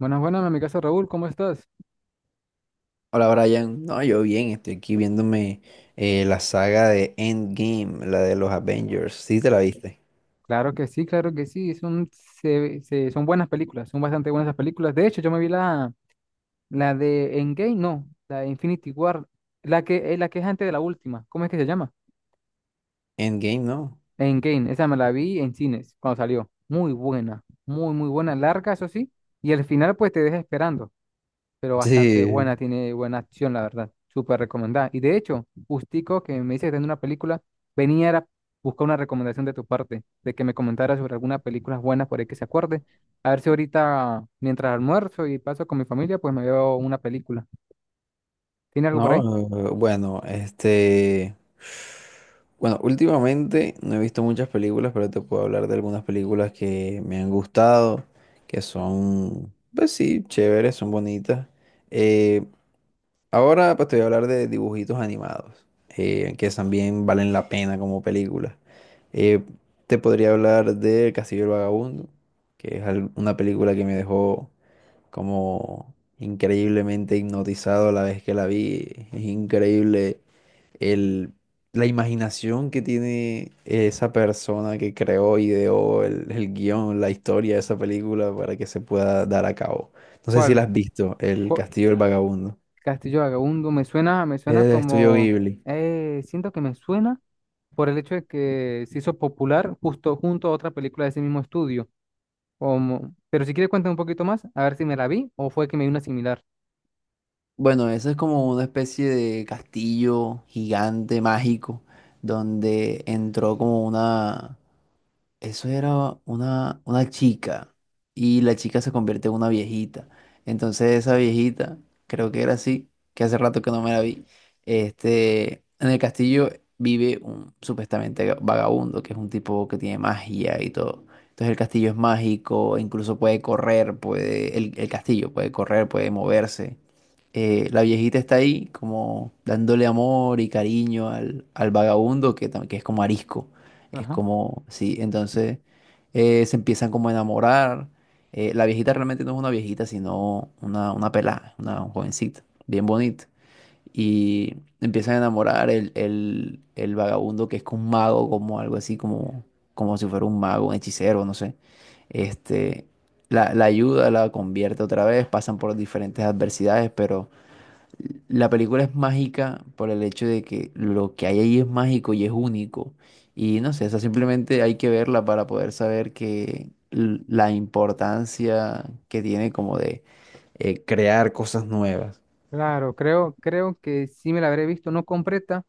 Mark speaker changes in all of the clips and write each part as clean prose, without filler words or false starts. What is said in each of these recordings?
Speaker 1: Buenas, buenas, en mi casa Raúl, ¿cómo estás?
Speaker 2: Hola Brian, no, yo bien, estoy aquí viéndome la saga de Endgame, la de los Avengers, ¿sí te la viste?
Speaker 1: Claro que sí, son buenas películas, son bastante buenas esas películas. De hecho, yo me vi la de Endgame, no, la de Infinity War, la que es antes de la última, ¿cómo es que se llama?
Speaker 2: Endgame, ¿no?
Speaker 1: Endgame, esa me la vi en cines cuando salió. Muy buena, muy, muy buena, larga, eso sí, y al final pues te deja esperando, pero bastante
Speaker 2: Sí,
Speaker 1: buena, tiene buena acción, la verdad. Súper recomendada. Y de hecho, justico que me dice que está en una película, venía a buscar una recomendación de tu parte, de que me comentara sobre alguna película buena por ahí que se acuerde. A ver si ahorita, mientras almuerzo y paso con mi familia, pues me veo una película. ¿Tiene algo por ahí?
Speaker 2: no, bueno, este, bueno, últimamente no he visto muchas películas, pero te puedo hablar de algunas películas que me han gustado, que son, pues sí, chéveres, son bonitas. Eh, Ahora pues te voy a hablar de dibujitos animados, que también valen la pena como películas. Eh, Te podría hablar de Castillo el Vagabundo, que es una película que me dejó como increíblemente hipnotizado la vez que la vi. Es increíble el, la imaginación que tiene esa persona que creó, ideó el guión, la historia de esa película para que se pueda dar a cabo. No sé si la
Speaker 1: ¿Cuál?
Speaker 2: has visto, El
Speaker 1: ¿Cu-
Speaker 2: Castillo del Vagabundo.
Speaker 1: Castillo Vagabundo, me
Speaker 2: Es
Speaker 1: suena
Speaker 2: del estudio
Speaker 1: como,
Speaker 2: Ghibli.
Speaker 1: siento que me suena por el hecho de que se hizo popular justo junto a otra película de ese mismo estudio. Como... Pero si quieres cuéntame un poquito más, a ver si me la vi o fue que me vi una similar.
Speaker 2: Bueno, eso es como una especie de castillo gigante mágico donde entró como una. Eso era una chica y la chica se convierte en una viejita. Entonces esa viejita, creo que era así, que hace rato que no me la vi. Este, en el castillo vive un supuestamente vagabundo, que es un tipo que tiene magia y todo. Entonces el castillo es mágico, incluso puede correr, puede, el castillo puede correr, puede moverse. La viejita está ahí como dándole amor y cariño al vagabundo que, que es como arisco. Es
Speaker 1: Ajá.
Speaker 2: como, sí, entonces se empiezan como a enamorar. La viejita realmente no es una viejita, sino una pelada, una jovencita, bien bonita. Y empiezan a enamorar el vagabundo que es un mago, como algo así, como, como si fuera un mago, un hechicero, no sé. Este, la ayuda, la convierte otra vez, pasan por diferentes adversidades, pero la película es mágica por el hecho de que lo que hay ahí es mágico y es único. Y no sé, o sea, simplemente hay que verla para poder saber que la importancia que tiene como de crear cosas nuevas.
Speaker 1: Claro, creo, creo que sí me la habré visto, no completa,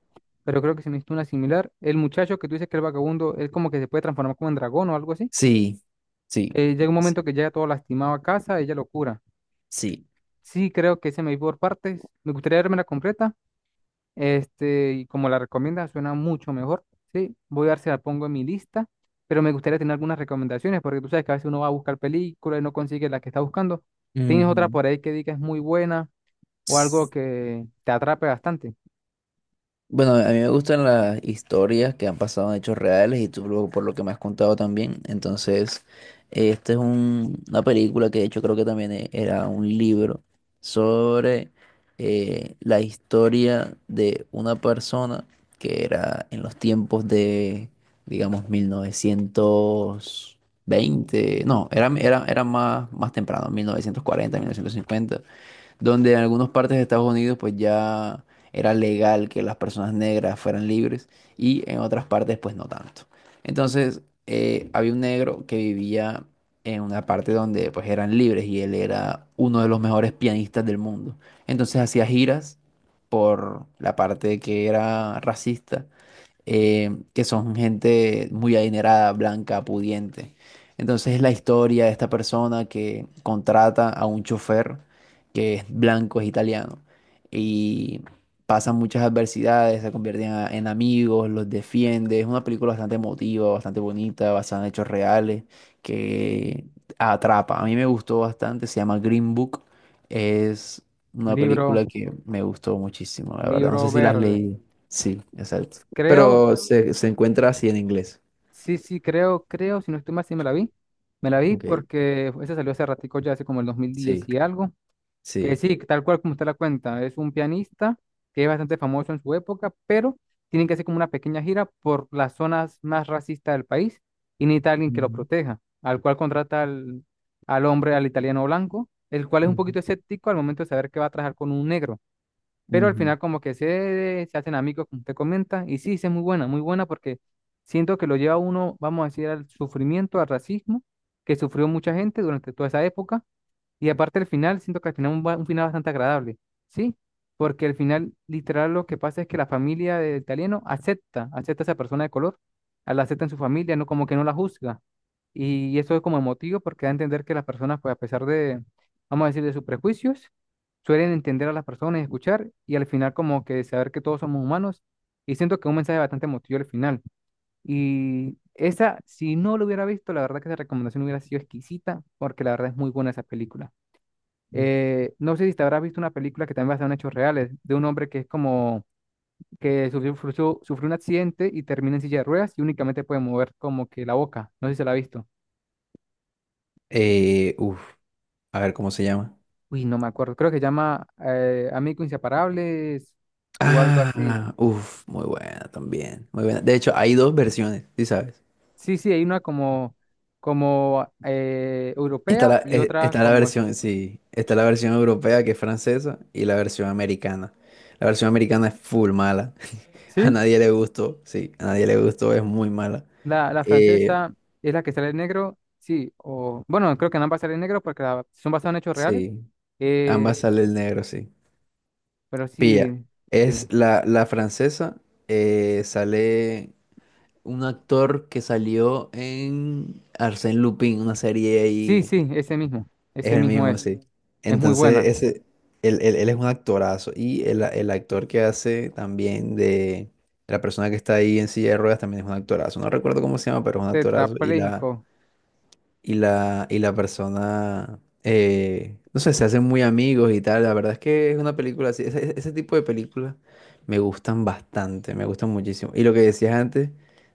Speaker 1: pero creo que se me hizo una similar. El muchacho que tú dices que el vagabundo, él como que se puede transformar como en dragón o algo así,
Speaker 2: Sí, sí,
Speaker 1: que llega un
Speaker 2: sí.
Speaker 1: momento que llega todo lastimado a casa, ella lo cura.
Speaker 2: Sí.
Speaker 1: Sí, creo que se me vi por partes. Me gustaría verme la completa. Este, y como la recomienda, suena mucho mejor. Sí, voy a ver si la pongo en mi lista, pero me gustaría tener algunas recomendaciones, porque tú sabes que a veces uno va a buscar películas y no consigue la que está buscando. ¿Tienes otra
Speaker 2: Ujú.
Speaker 1: por ahí que digas muy buena o algo que te atrape bastante?
Speaker 2: Bueno, a mí me gustan las historias que han pasado en hechos reales y tú luego por lo que me has contado también. Entonces, esta es una película que de hecho creo que también era un libro sobre la historia de una persona que era en los tiempos de, digamos, 1920. No, era más, más temprano, 1940, 1950, donde en algunas partes de Estados Unidos pues ya era legal que las personas negras fueran libres y en otras partes pues no tanto. Entonces había un negro que vivía en una parte donde pues eran libres y él era uno de los mejores pianistas del mundo. Entonces hacía giras por la parte que era racista, que son gente muy adinerada, blanca, pudiente. Entonces es la historia de esta persona que contrata a un chofer que es blanco, es italiano, y pasan muchas adversidades, se convierten en amigos, los defiende. Es una película bastante emotiva, bastante bonita, basada en hechos reales, que atrapa. A mí me gustó bastante, se llama Green Book. Es una
Speaker 1: Libro,
Speaker 2: película que me gustó muchísimo, la verdad. No sé
Speaker 1: libro
Speaker 2: si las
Speaker 1: verde.
Speaker 2: leí. Sí, exacto.
Speaker 1: Creo,
Speaker 2: Pero se encuentra así en inglés.
Speaker 1: sí, sí, creo, creo, si no estoy mal, sí me la vi. Me la vi
Speaker 2: Ok,
Speaker 1: porque esa salió hace ratico, ya hace como el
Speaker 2: sí,
Speaker 1: 2010 y algo. Que
Speaker 2: sí.
Speaker 1: sí, tal cual como usted la cuenta, es un pianista que es bastante famoso en su época, pero tienen que hacer como una pequeña gira por las zonas más racistas del país y necesita alguien que lo
Speaker 2: Ujú,
Speaker 1: proteja, al cual contrata al hombre, al italiano blanco, el cual es un
Speaker 2: ujú,
Speaker 1: poquito escéptico al momento de saber que va a trabajar con un negro, pero al
Speaker 2: ujú,
Speaker 1: final como que se hacen amigos, como usted comenta, y sí, sí es muy buena porque siento que lo lleva a uno, vamos a decir, al sufrimiento, al racismo que sufrió mucha gente durante toda esa época. Y aparte el final, siento que al final un final bastante agradable, ¿sí? Porque al final, literal, lo que pasa es que la familia del italiano acepta, acepta a esa persona de color, a la acepta en su familia, no como que no la juzga. Y eso es como emotivo porque da a entender que las personas, pues a pesar de, vamos a decir, de sus prejuicios, suelen entender a las personas y escuchar y al final como que saber que todos somos humanos. Y siento que es un mensaje bastante emotivo al final. Y esa, si no lo hubiera visto, la verdad que esa recomendación hubiera sido exquisita porque la verdad es muy buena esa película.
Speaker 2: ujú.
Speaker 1: No sé si te habrás visto una película que también basa en hechos reales, de un hombre que es como que sufrió, sufrió un accidente y termina en silla de ruedas y únicamente puede mover como que la boca. No sé si se la ha visto.
Speaker 2: Uf, a ver cómo se llama.
Speaker 1: Uy, no me acuerdo. Creo que se llama Amigos Inseparables o algo así.
Speaker 2: Ah, uf, muy buena también, muy buena. De hecho, hay dos versiones, ¿sí sabes?
Speaker 1: Sí, sí, hay una como, como
Speaker 2: Está
Speaker 1: europea y otra
Speaker 2: está
Speaker 1: como...
Speaker 2: está la versión europea que es francesa y la versión americana. La versión americana es full mala. A
Speaker 1: ¿Sí?
Speaker 2: nadie le gustó, sí, a nadie le gustó, es muy mala.
Speaker 1: La
Speaker 2: Eh,
Speaker 1: francesa es la que sale en negro. Sí, o bueno, creo que en ambas sale en negro porque son basadas en hechos reales.
Speaker 2: sí,
Speaker 1: Eh,
Speaker 2: ambas sale el negro, sí.
Speaker 1: Pero
Speaker 2: Pilla,
Speaker 1: sí,
Speaker 2: es
Speaker 1: dime.
Speaker 2: la francesa, sale un actor que salió en Arsène Lupin, una serie
Speaker 1: Sí,
Speaker 2: ahí,
Speaker 1: sí, ese mismo.
Speaker 2: es
Speaker 1: Ese
Speaker 2: el
Speaker 1: mismo
Speaker 2: mismo,
Speaker 1: es.
Speaker 2: sí. Mm.
Speaker 1: Es muy
Speaker 2: Entonces,
Speaker 1: buena.
Speaker 2: ese, él es un actorazo y el actor que hace también de la persona que está ahí en silla de ruedas también es un actorazo. No recuerdo cómo se llama, pero es un actorazo y
Speaker 1: Tetrapléjico.
Speaker 2: y la persona, no sé, se hacen muy amigos y tal. La verdad es que es una película así, ese tipo de películas me gustan bastante, me gustan muchísimo. Y lo que decías antes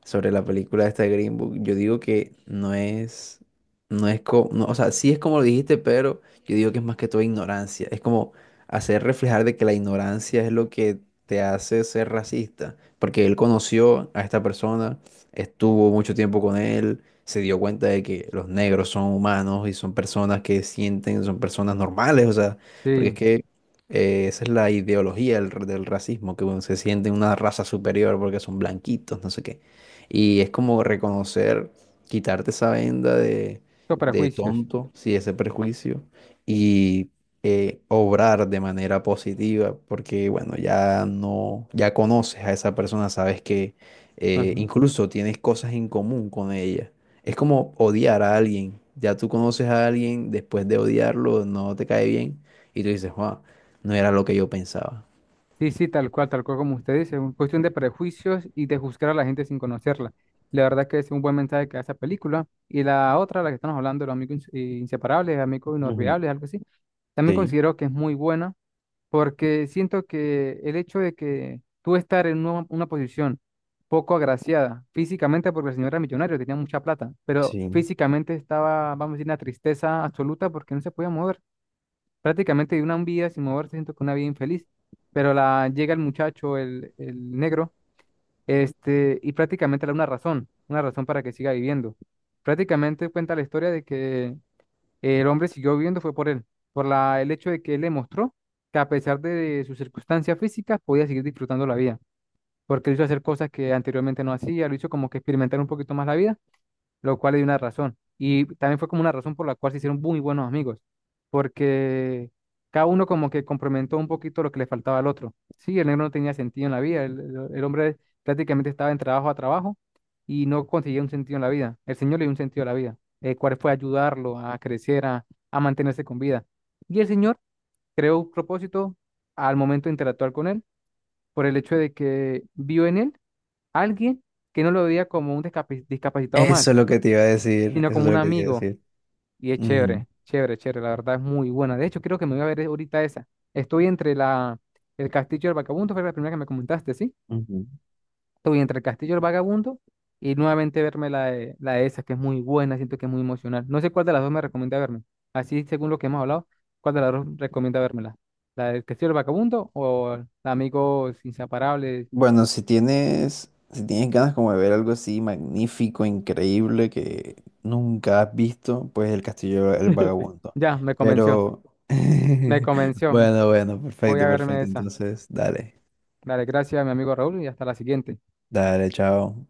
Speaker 2: sobre la película esta de Green Book, yo digo que no es, no es como, o sea, sí es como lo dijiste, pero yo digo que es más que todo ignorancia. Es como hacer reflejar de que la ignorancia es lo que te hace ser racista, porque él conoció a esta persona, estuvo mucho tiempo con él, se dio cuenta de que los negros son humanos y son personas que sienten, son personas normales, o sea, porque es
Speaker 1: Sí,
Speaker 2: que esa es la ideología del racismo, que bueno, se sienten una raza superior porque son blanquitos, no sé qué. Y es como reconocer, quitarte esa venda
Speaker 1: son
Speaker 2: de
Speaker 1: prejuicios.
Speaker 2: tonto, sí, ese prejuicio, y obrar de manera positiva, porque bueno, ya no, ya conoces a esa persona, sabes que
Speaker 1: Ujú.
Speaker 2: incluso tienes cosas en común con ella. Es como odiar a alguien. Ya tú conoces a alguien, después de odiarlo, no te cae bien. Y tú dices, wow, no era lo que yo pensaba.
Speaker 1: Sí, sí, tal cual como usted dice. Es cuestión de prejuicios y de juzgar a la gente sin conocerla. La verdad que es un buen mensaje que da esa película. Y la otra, la que estamos hablando, los inseparables, amigos
Speaker 2: Ujú.
Speaker 1: inolvidables, algo así. También
Speaker 2: Sí,
Speaker 1: considero que es muy buena porque siento que el hecho de que tú estar en una posición poco agraciada físicamente, porque el señor era millonario, tenía mucha plata, pero
Speaker 2: sí.
Speaker 1: físicamente estaba, vamos a decir, una tristeza absoluta porque no se podía mover. Prácticamente de una vida sin moverse, siento que una vida infeliz. Pero llega el muchacho, el negro, este, y prácticamente le da una razón para que siga viviendo. Prácticamente cuenta la historia de que el hombre siguió viviendo fue por él, por el hecho de que él le mostró que a pesar de sus circunstancias físicas podía seguir disfrutando la vida, porque él hizo hacer cosas que anteriormente no hacía, lo hizo como que experimentar un poquito más la vida, lo cual le dio una razón. Y también fue como una razón por la cual se hicieron muy buenos amigos, porque cada uno como que complementó un poquito lo que le faltaba al otro. Sí, el negro no tenía sentido en la vida, el hombre prácticamente estaba en trabajo a trabajo y no conseguía un sentido en la vida. El Señor le dio un sentido a la vida, el cual fue ayudarlo a crecer, a mantenerse con vida. Y el Señor creó un propósito al momento de interactuar con él, por el hecho de que vio en él alguien que no lo veía como un discapacitado
Speaker 2: Eso
Speaker 1: más,
Speaker 2: es lo que te iba a decir.
Speaker 1: sino
Speaker 2: Eso es
Speaker 1: como un
Speaker 2: lo que te iba a
Speaker 1: amigo.
Speaker 2: decir.
Speaker 1: Y es
Speaker 2: Ujú.
Speaker 1: chévere, chévere, chévere. La verdad es muy buena. De hecho, creo que me voy a ver ahorita esa. Estoy entre el Castillo del Vagabundo, fue la primera que me comentaste, ¿sí?
Speaker 2: Ujú.
Speaker 1: Estoy entre el Castillo del Vagabundo y nuevamente verme la de esa, que es muy buena, siento que es muy emocional. No sé cuál de las dos me recomienda verme. Así, según lo que hemos hablado, ¿cuál de las dos recomienda vérmela? ¿La del Castillo del Vagabundo o la Amigos Inseparables?
Speaker 2: Bueno, si tienes, si tienes ganas como de ver algo así magnífico, increíble, que nunca has visto, pues El Castillo del Vagabundo.
Speaker 1: Ya, me convenció,
Speaker 2: Pero,
Speaker 1: me convenció.
Speaker 2: bueno, bueno,
Speaker 1: Voy
Speaker 2: perfecto,
Speaker 1: a verme
Speaker 2: perfecto.
Speaker 1: esa.
Speaker 2: Entonces, dale,
Speaker 1: Dale, gracias, mi amigo Raúl, y hasta la siguiente.
Speaker 2: dale, chao.